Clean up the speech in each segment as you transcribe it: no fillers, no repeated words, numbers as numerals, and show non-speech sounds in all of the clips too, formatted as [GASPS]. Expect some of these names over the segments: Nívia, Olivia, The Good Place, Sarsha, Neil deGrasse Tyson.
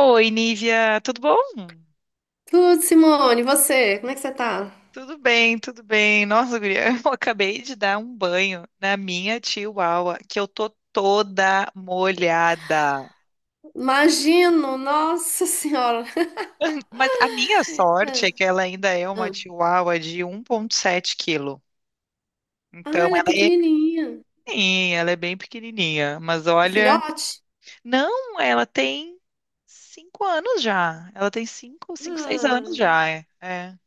Oi, Nívia, tudo bom? Tudo, Simone, e você? Como é que você tá? Tudo bem, tudo bem. Nossa, guria, [LAUGHS] eu acabei de dar um banho na minha chihuahua, que eu tô toda molhada. Imagino, nossa senhora. Mas a minha Ah, sorte é que ela ainda é uma ah. chihuahua de 1,7 quilo. Ah, Então, ela é ela é pequenininha. pequenininha, ela é bem pequenininha. Mas É olha, filhote? não, ela tem cinco anos já. Ela tem cinco, seis Ah, anos já, é.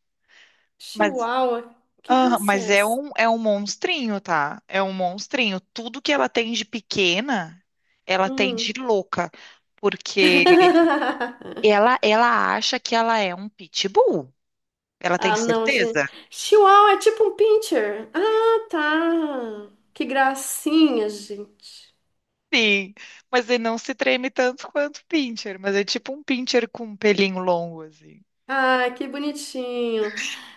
Mas chihuahua. Que Aham, raça é mas é essa? um, é um monstrinho, tá? É um monstrinho. Tudo que ela tem de pequena, ela tem de Hum. louca, porque [LAUGHS] ela acha que ela é um pitbull. Ela tem Ah, não, gente. certeza? Chihuahua é tipo um pincher. Ah, tá. Que gracinha, gente. Sim, mas ele não se treme tanto quanto pincher, mas é tipo um pincher com um pelinho longo assim. Ah, que bonitinho.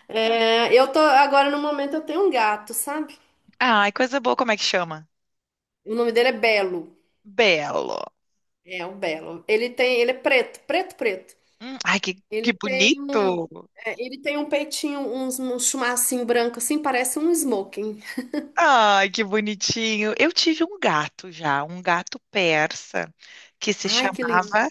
É, eu tô agora no momento eu tenho um gato, sabe? Ah, ai, coisa boa, como é que chama? O nome dele é Belo. Belo. É um belo. Ele é preto, preto, preto. Ai, que Ele tem bonito. um, ele tem um peitinho, um chumacinho branco assim, parece um smoking. Ai, que bonitinho. Eu tive um gato já, um gato persa, que se Ai, que lindo. chamava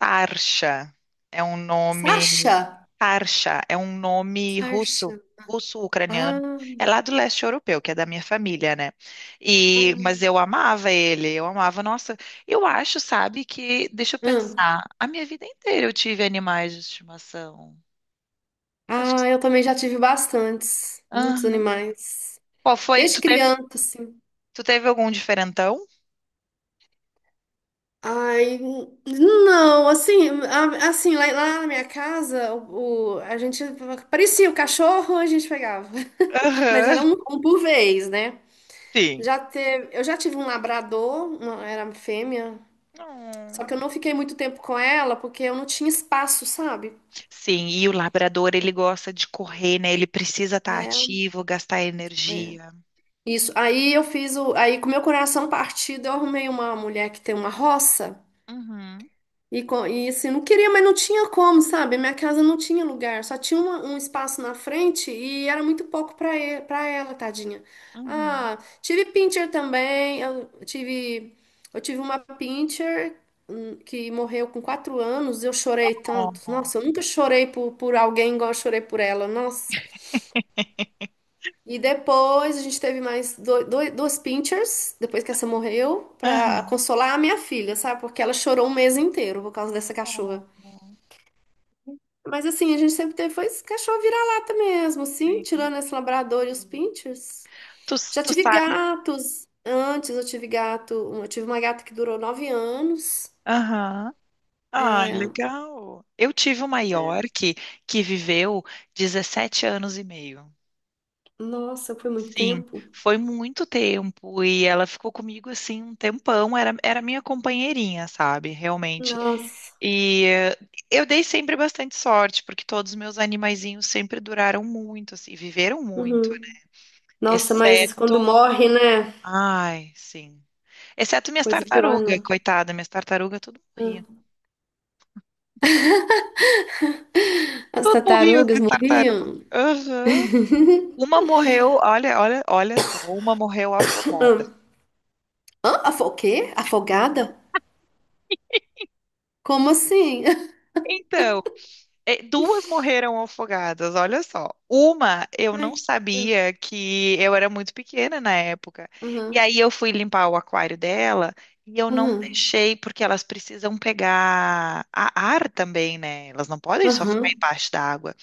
Sarsha. É um nome. Sasha, Sarsha é um nome russo, Sasha. russo-ucraniano. Ah, É lá do leste europeu, que é da minha família, né? E, mas ah, eu amava ele, eu amava. Nossa, eu acho, sabe, que. Deixa eu hum. pensar. A minha vida inteira eu tive animais de estimação. Acho Ah, que. eu também já tive bastantes, muitos Aham. animais. Qual foi? Desde Tu teve, criança, assim. tu teve algum diferentão? Ai, não, assim, assim, lá na minha casa, a gente parecia o cachorro, a gente pegava. [LAUGHS] Mas Aham. era um por vez, né? Sim. Eu já tive um labrador, uma, era fêmea, só que eu Hum. não fiquei muito tempo com ela porque eu não tinha espaço, sabe? Sim, e o labrador, ele gosta de correr, né? Ele precisa estar É, ativo, gastar é. energia. Isso. Aí com meu coração partido, eu arrumei uma mulher que tem uma roça. Uhum, E, e assim, não queria, mas não tinha como, sabe? Minha casa não tinha lugar, só tinha um espaço na frente e era muito pouco para ele para ela, tadinha. uhum. Ah, tive pincher também, eu tive uma pincher que morreu com 4 anos, eu chorei tanto. Nossa, eu nunca chorei por alguém igual eu chorei por ela, nossa. [LAUGHS] E depois a gente teve mais duas pinchers, depois que essa morreu, para consolar a minha filha, sabe? Porque ela chorou um mês inteiro por causa dessa Oh, aham. cachorra. Oh, Mas assim, a gente sempre teve foi esse cachorro vira-lata mesmo, sim, sim. tirando esse labrador e os pinchers. Tu, Já tu tive sabe? gatos. Antes eu tive gato, eu tive uma gata que durou 9 anos. Aham. Ah, legal. Eu tive uma É. York que viveu 17 anos e meio. Nossa, foi muito Sim, tempo. foi muito tempo e ela ficou comigo assim um tempão, era minha companheirinha, sabe, realmente. Nossa. E eh, eu dei sempre bastante sorte, porque todos os meus animaizinhos sempre duraram muito, assim, viveram muito, Uhum. Nossa, mas exceto, quando morre, né? ai, sim, exceto minhas Coisa pior, tartarugas, não. coitada, minhas tartarugas tudo morria. Ah. As Tudo morria, minhas tartarugas tartarugas. morriam. Aham. Uma morreu, olha, olha só, uma morreu afogada. Ah. Hã? O quê? Afogada? Como assim? Então Duas morreram afogadas, olha só. Uma eu [LAUGHS] não Ai. Ah. sabia que eu era muito pequena na época. E Aham. aí eu fui limpar o aquário dela e eu não Aham. deixei, porque elas precisam pegar a ar também, né? Elas não podem só ficar Aham. embaixo da água.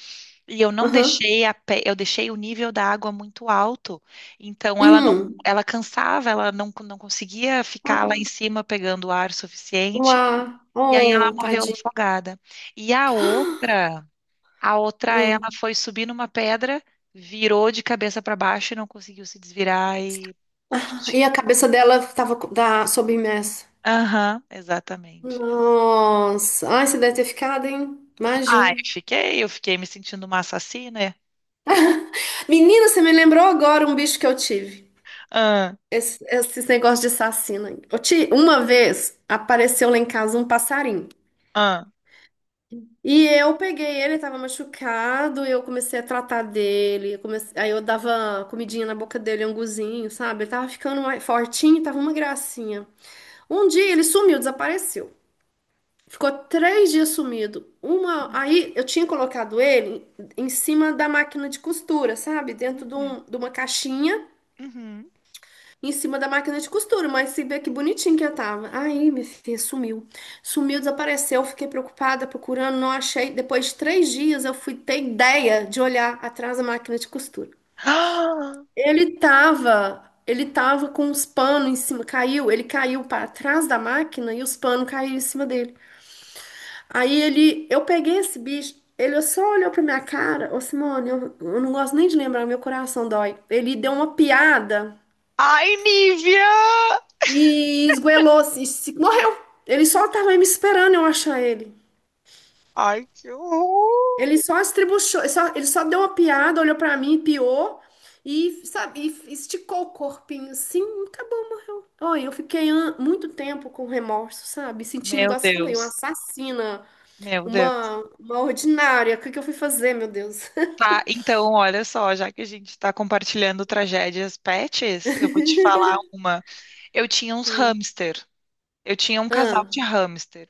E eu não Aham. deixei eu deixei o nível da água muito alto. Então ela não Hum. ela cansava, ela não, não conseguia ficar lá em cima pegando ar suficiente. Uá, E aí ela oh, morreu tadinho. afogada. E a outra. A outra, ela Hum. foi subir numa pedra, virou de cabeça para baixo e não conseguiu se desvirar e. Uft. E a cabeça dela estava submersa. Aham, exatamente. Nossa, ai, você deve ter ficado, hein? Ah, eu Imagino. fiquei, eu fiquei me sentindo uma assassina. Menina, você me lembrou agora um bicho que eu tive. Ah, Esses negócios de assassino aí. Uma vez apareceu lá em casa um passarinho. ah. E eu peguei ele, estava machucado, e eu comecei a tratar dele. Aí eu dava comidinha na boca dele, anguzinho, sabe? Ele tava ficando mais fortinho, tava uma gracinha. Um dia ele sumiu, desapareceu. Ficou 3 dias sumido. Aí eu tinha colocado ele em cima da máquina de costura, sabe? Dentro Uhum, de uma caixinha, uhum. em cima da máquina de costura. Mas se vê que bonitinho que eu tava. Aí, minha filha, sumiu. Sumiu, desapareceu. Fiquei preocupada, procurando, não achei. Depois de 3 dias, eu fui ter ideia de olhar atrás da máquina de costura. [GASPS] Ah! Ele tava com os panos em cima, caiu, ele caiu para trás da máquina e os panos caíram em cima dele. Eu peguei esse bicho, ele só olhou pra minha cara, ô Simone, eu não gosto nem de lembrar, meu coração dói. Ele deu uma piada Ai, Nívia! e esgoelou, morreu. Ele só tava aí me esperando eu achar ele. Ai, que Ele horror! só estribuchou, ele só deu uma piada, olhou pra mim, piou e, sabe, e esticou o corpinho assim, acabou. Mano. Oi, eu fiquei muito tempo com remorso, sabe? Sentindo, Meu igual você falou, uma Deus, assassina, meu Deus. uma ordinária. O que que eu fui fazer, meu Deus? Tá, então, olha só, já que a gente está compartilhando tragédias pets, eu vou te [LAUGHS] falar uma. Eu tinha uns Ah, hamster. Eu tinha um casal ah, de hamster.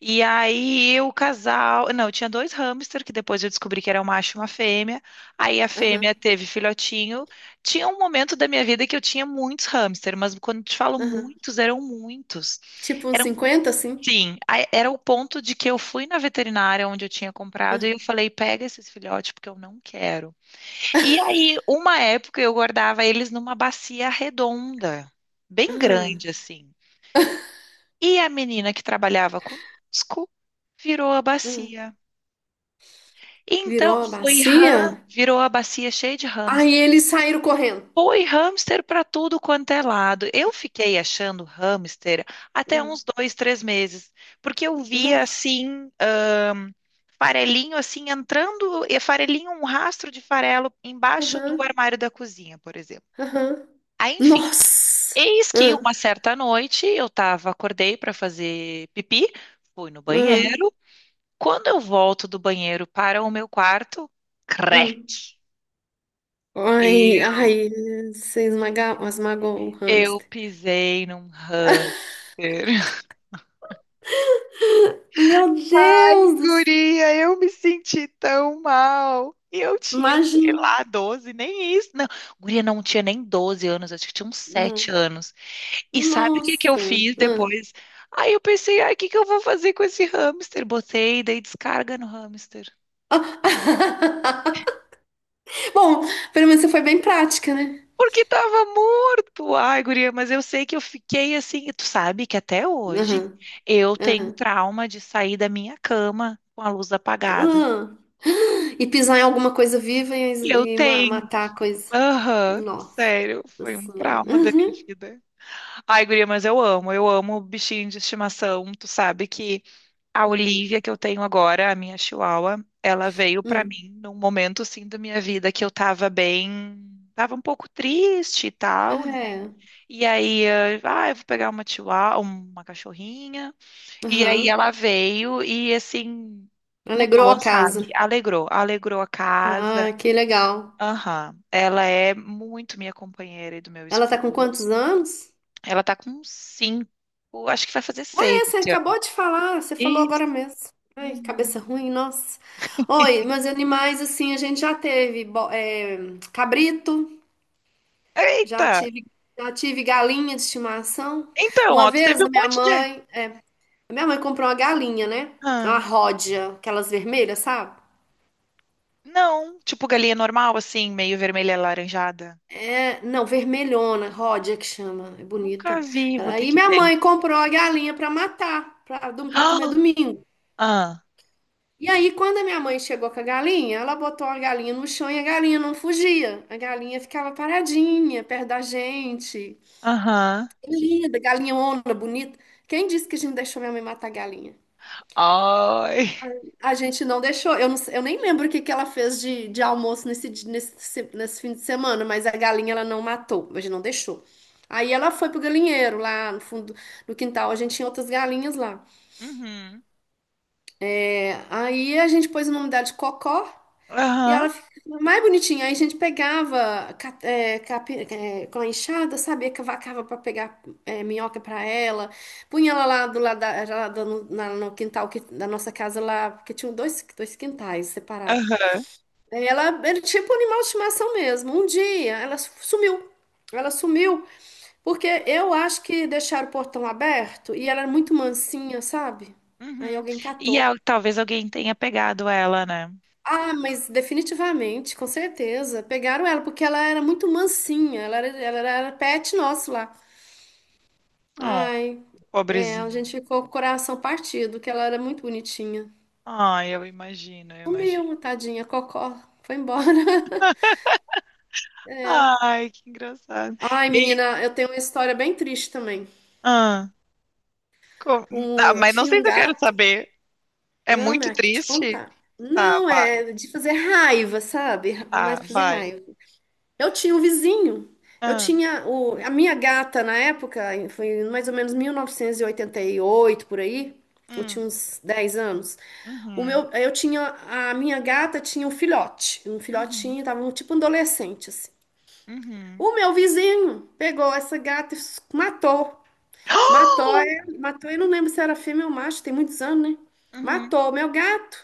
E aí o casal. Não, eu tinha dois hamster, que depois eu descobri que era um macho e uma fêmea. Aí a aham, fêmea teve filhotinho. Tinha um momento da minha vida que eu tinha muitos hamster, mas quando eu te falo aham. Muitos. Tipo uns Eram, 50 assim? sim, era o ponto de que eu fui na veterinária onde eu tinha comprado Ah, e eu falei: pega esses filhotes, porque eu não quero. E aí, uma época, eu guardava eles numa bacia redonda, bem ah, grande, assim. E a menina que trabalhava conosco virou a bacia. ah. Então Virou a foi bacia? ram, virou a bacia cheia de Aí hamster. eles saíram correndo. Foi hamster para tudo quanto é lado. Eu fiquei achando hamster até uns Ah, dois, três meses, porque eu no, via assim, farelinho assim entrando, e farelinho, um rastro de farelo embaixo aham, do armário da cozinha, por exemplo. aham. Aí, enfim, Nossa! eis que Ah, uma certa noite eu tava, acordei para fazer pipi, fui no ah, banheiro. Quando eu volto do banheiro para o meu quarto, ah. crack! Ai, Eu, ai, você esmaga, esmagou o eu hamster. pisei num hamster. [LAUGHS] Meu Ai, Deus! Guria, eu me senti tão mal. E eu tinha, sei Imagina! lá, 12, nem isso. Não, guria, não tinha nem doze anos, acho que tinha uns 7 anos. E sabe o que que eu Nossa! fiz Ah. depois? Aí eu pensei, ai, o que que eu vou fazer com esse hamster? Botei, dei descarga no hamster. Ah. [LAUGHS] Bom, pelo menos você foi bem prática, né? Porque tava morto. Ai, guria, mas eu sei que eu fiquei assim. E tu sabe que até hoje eu tenho Aham. trauma de sair da minha cama com a luz apagada. Hum. E pisar em alguma coisa viva Eu e tenho. matar a coisa. Aham, Nossa sério, foi um Senhora. trauma da minha Uhum. vida. Ai, guria, mas eu amo bichinho de estimação. Tu sabe que a Olivia Uhum. que eu tenho agora, a minha chihuahua, ela veio pra Hum. mim num momento assim da minha vida que eu tava bem, tava um pouco triste e tal, né? É. Eu vou pegar uma chihuahua, uma cachorrinha. E aí Aham. ela veio e assim Alegrou a mudou, casa. sabe? Alegrou, alegrou a casa. Ah, que legal. Aham. Ela é muito minha companheira e do meu Ela tá com esposo. quantos anos? Ela tá com cinco, acho que vai fazer Ah, seis é, você esse ano. acabou de falar. Você falou Isso. agora mesmo. Ai, que cabeça Uhum. ruim, nossa. Oi, mas animais, assim, a gente já teve cabrito, já Eita! tive, já tive galinha de estimação. Então, Uma ó, tu teve vez um a minha monte de. mãe, Minha mãe comprou uma galinha, né? Uma Ah, ródia, aquelas vermelhas, sabe? não, tipo galinha normal, assim, meio vermelha e alaranjada. É, não, vermelhona, ródia que chama, é Nunca bonita. vi, vou ter Aí que minha ver. mãe comprou a galinha pra matar, [GASPS] pra comer Ah, domingo. ah, E aí, quando a minha mãe chegou com a galinha, ela botou a galinha no chão e a galinha não fugia. A galinha ficava paradinha, perto da gente. aham. Que linda, galinhona, bonita. Quem disse que a gente deixou minha mãe matar a galinha? Ai. A gente não deixou, eu nem lembro o que que ela fez de almoço nesse fim de semana, mas a galinha ela não matou, a gente não deixou. Aí ela foi pro galinheiro lá no fundo do quintal, a gente tinha outras galinhas lá. Uhum. É, aí a gente pôs o nome dela de Cocó e Aham. ela ficou mais bonitinha. Aí a gente pegava com a enxada, sabia, cavacava para pegar minhoca para ela, punha ela lá do lado da, já lá no quintal da nossa casa lá, porque tinham dois quintais separados. Aham. Ela era tipo um animal de estimação mesmo. Um dia ela sumiu. Ela sumiu porque eu acho que deixaram o portão aberto e ela era muito mansinha, sabe? Aí Uhum. alguém catou. Talvez alguém tenha pegado ela, né? Ah, mas definitivamente, com certeza. Pegaram ela porque ela era muito mansinha. Ela era pet nosso lá. Oh, Ai, é, a pobrezinho. gente ficou com o coração partido, que ela era muito bonitinha. Ai, eu imagino, eu imagino. Sumiu, tadinha, cocó. Foi embora. [LAUGHS] É. Ai, que engraçado. Ai, E, menina, eu tenho uma história bem triste também. ah, co- ah, Eu mas não tinha sei um se eu quero gato. saber. É Não, muito mas te triste? contar. Tá, Não, vai, é de fazer raiva, sabe? tá, Mais pra fazer vai. raiva. Eu tinha um vizinho. Eu Ah, tinha a minha gata na época, foi mais ou menos mil novecentos e oitenta e oito por aí. Eu hum, tinha uns 10 anos. O uhum, meu, eu tinha a minha gata tinha um filhote, um uhum, filhotinho, tava um tipo um adolescente assim. uhum. O meu vizinho pegou essa gata e matou. Matou, é, [GASPS] matou, eu não lembro se era fêmea ou macho, tem muitos anos, né? Uhum. Matou o meu gato,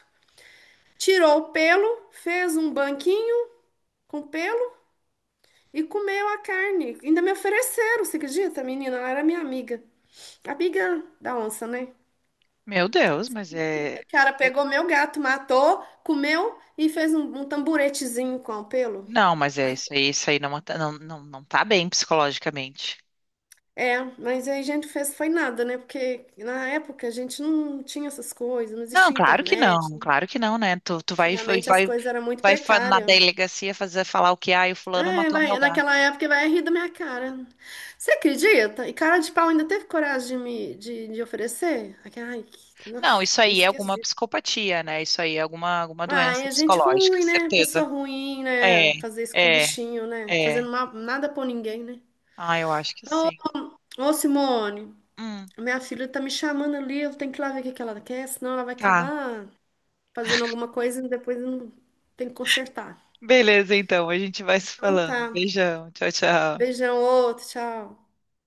tirou o pelo, fez um banquinho com pelo e comeu a carne. Ainda me ofereceram, você acredita, menina? Ela era minha amiga. Amiga da onça, né? Meu Deus, mas O é. cara pegou meu gato, matou, comeu e fez um tamburetezinho com o pelo. Não, mas é Ai, isso aí não, não tá bem psicologicamente. é, mas aí a gente fez, foi nada, né? Porque na época a gente não tinha essas coisas, não Não, existia claro que internet, não, né? claro que não, né? Tu vai, Antigamente as coisas eram muito na precárias. delegacia fazer falar o que, ah, o fulano É, matou meu vai, gato. naquela época vai rir da minha cara. Você acredita? E cara de pau ainda teve coragem de me de oferecer? Ai, ai, Não, nossa, isso não aí é esqueço alguma disso. psicopatia, né? Isso aí é alguma, alguma Ai, doença é gente psicológica, ruim, né? certeza. Pessoa ruim, né? É, Fazer isso com é, bichinho, né? é. Fazendo nada por ninguém, né? Ah, eu acho que sim. Ô, Simone, Hum, minha filha tá me chamando ali, eu tenho que ir lá ver o que que ela quer, senão ela vai tá. acabar fazendo alguma coisa e depois eu não tem que consertar. Beleza, então, a gente vai se Então falando. tá. Beijão, tchau, tchau. Beijão, outro, tchau.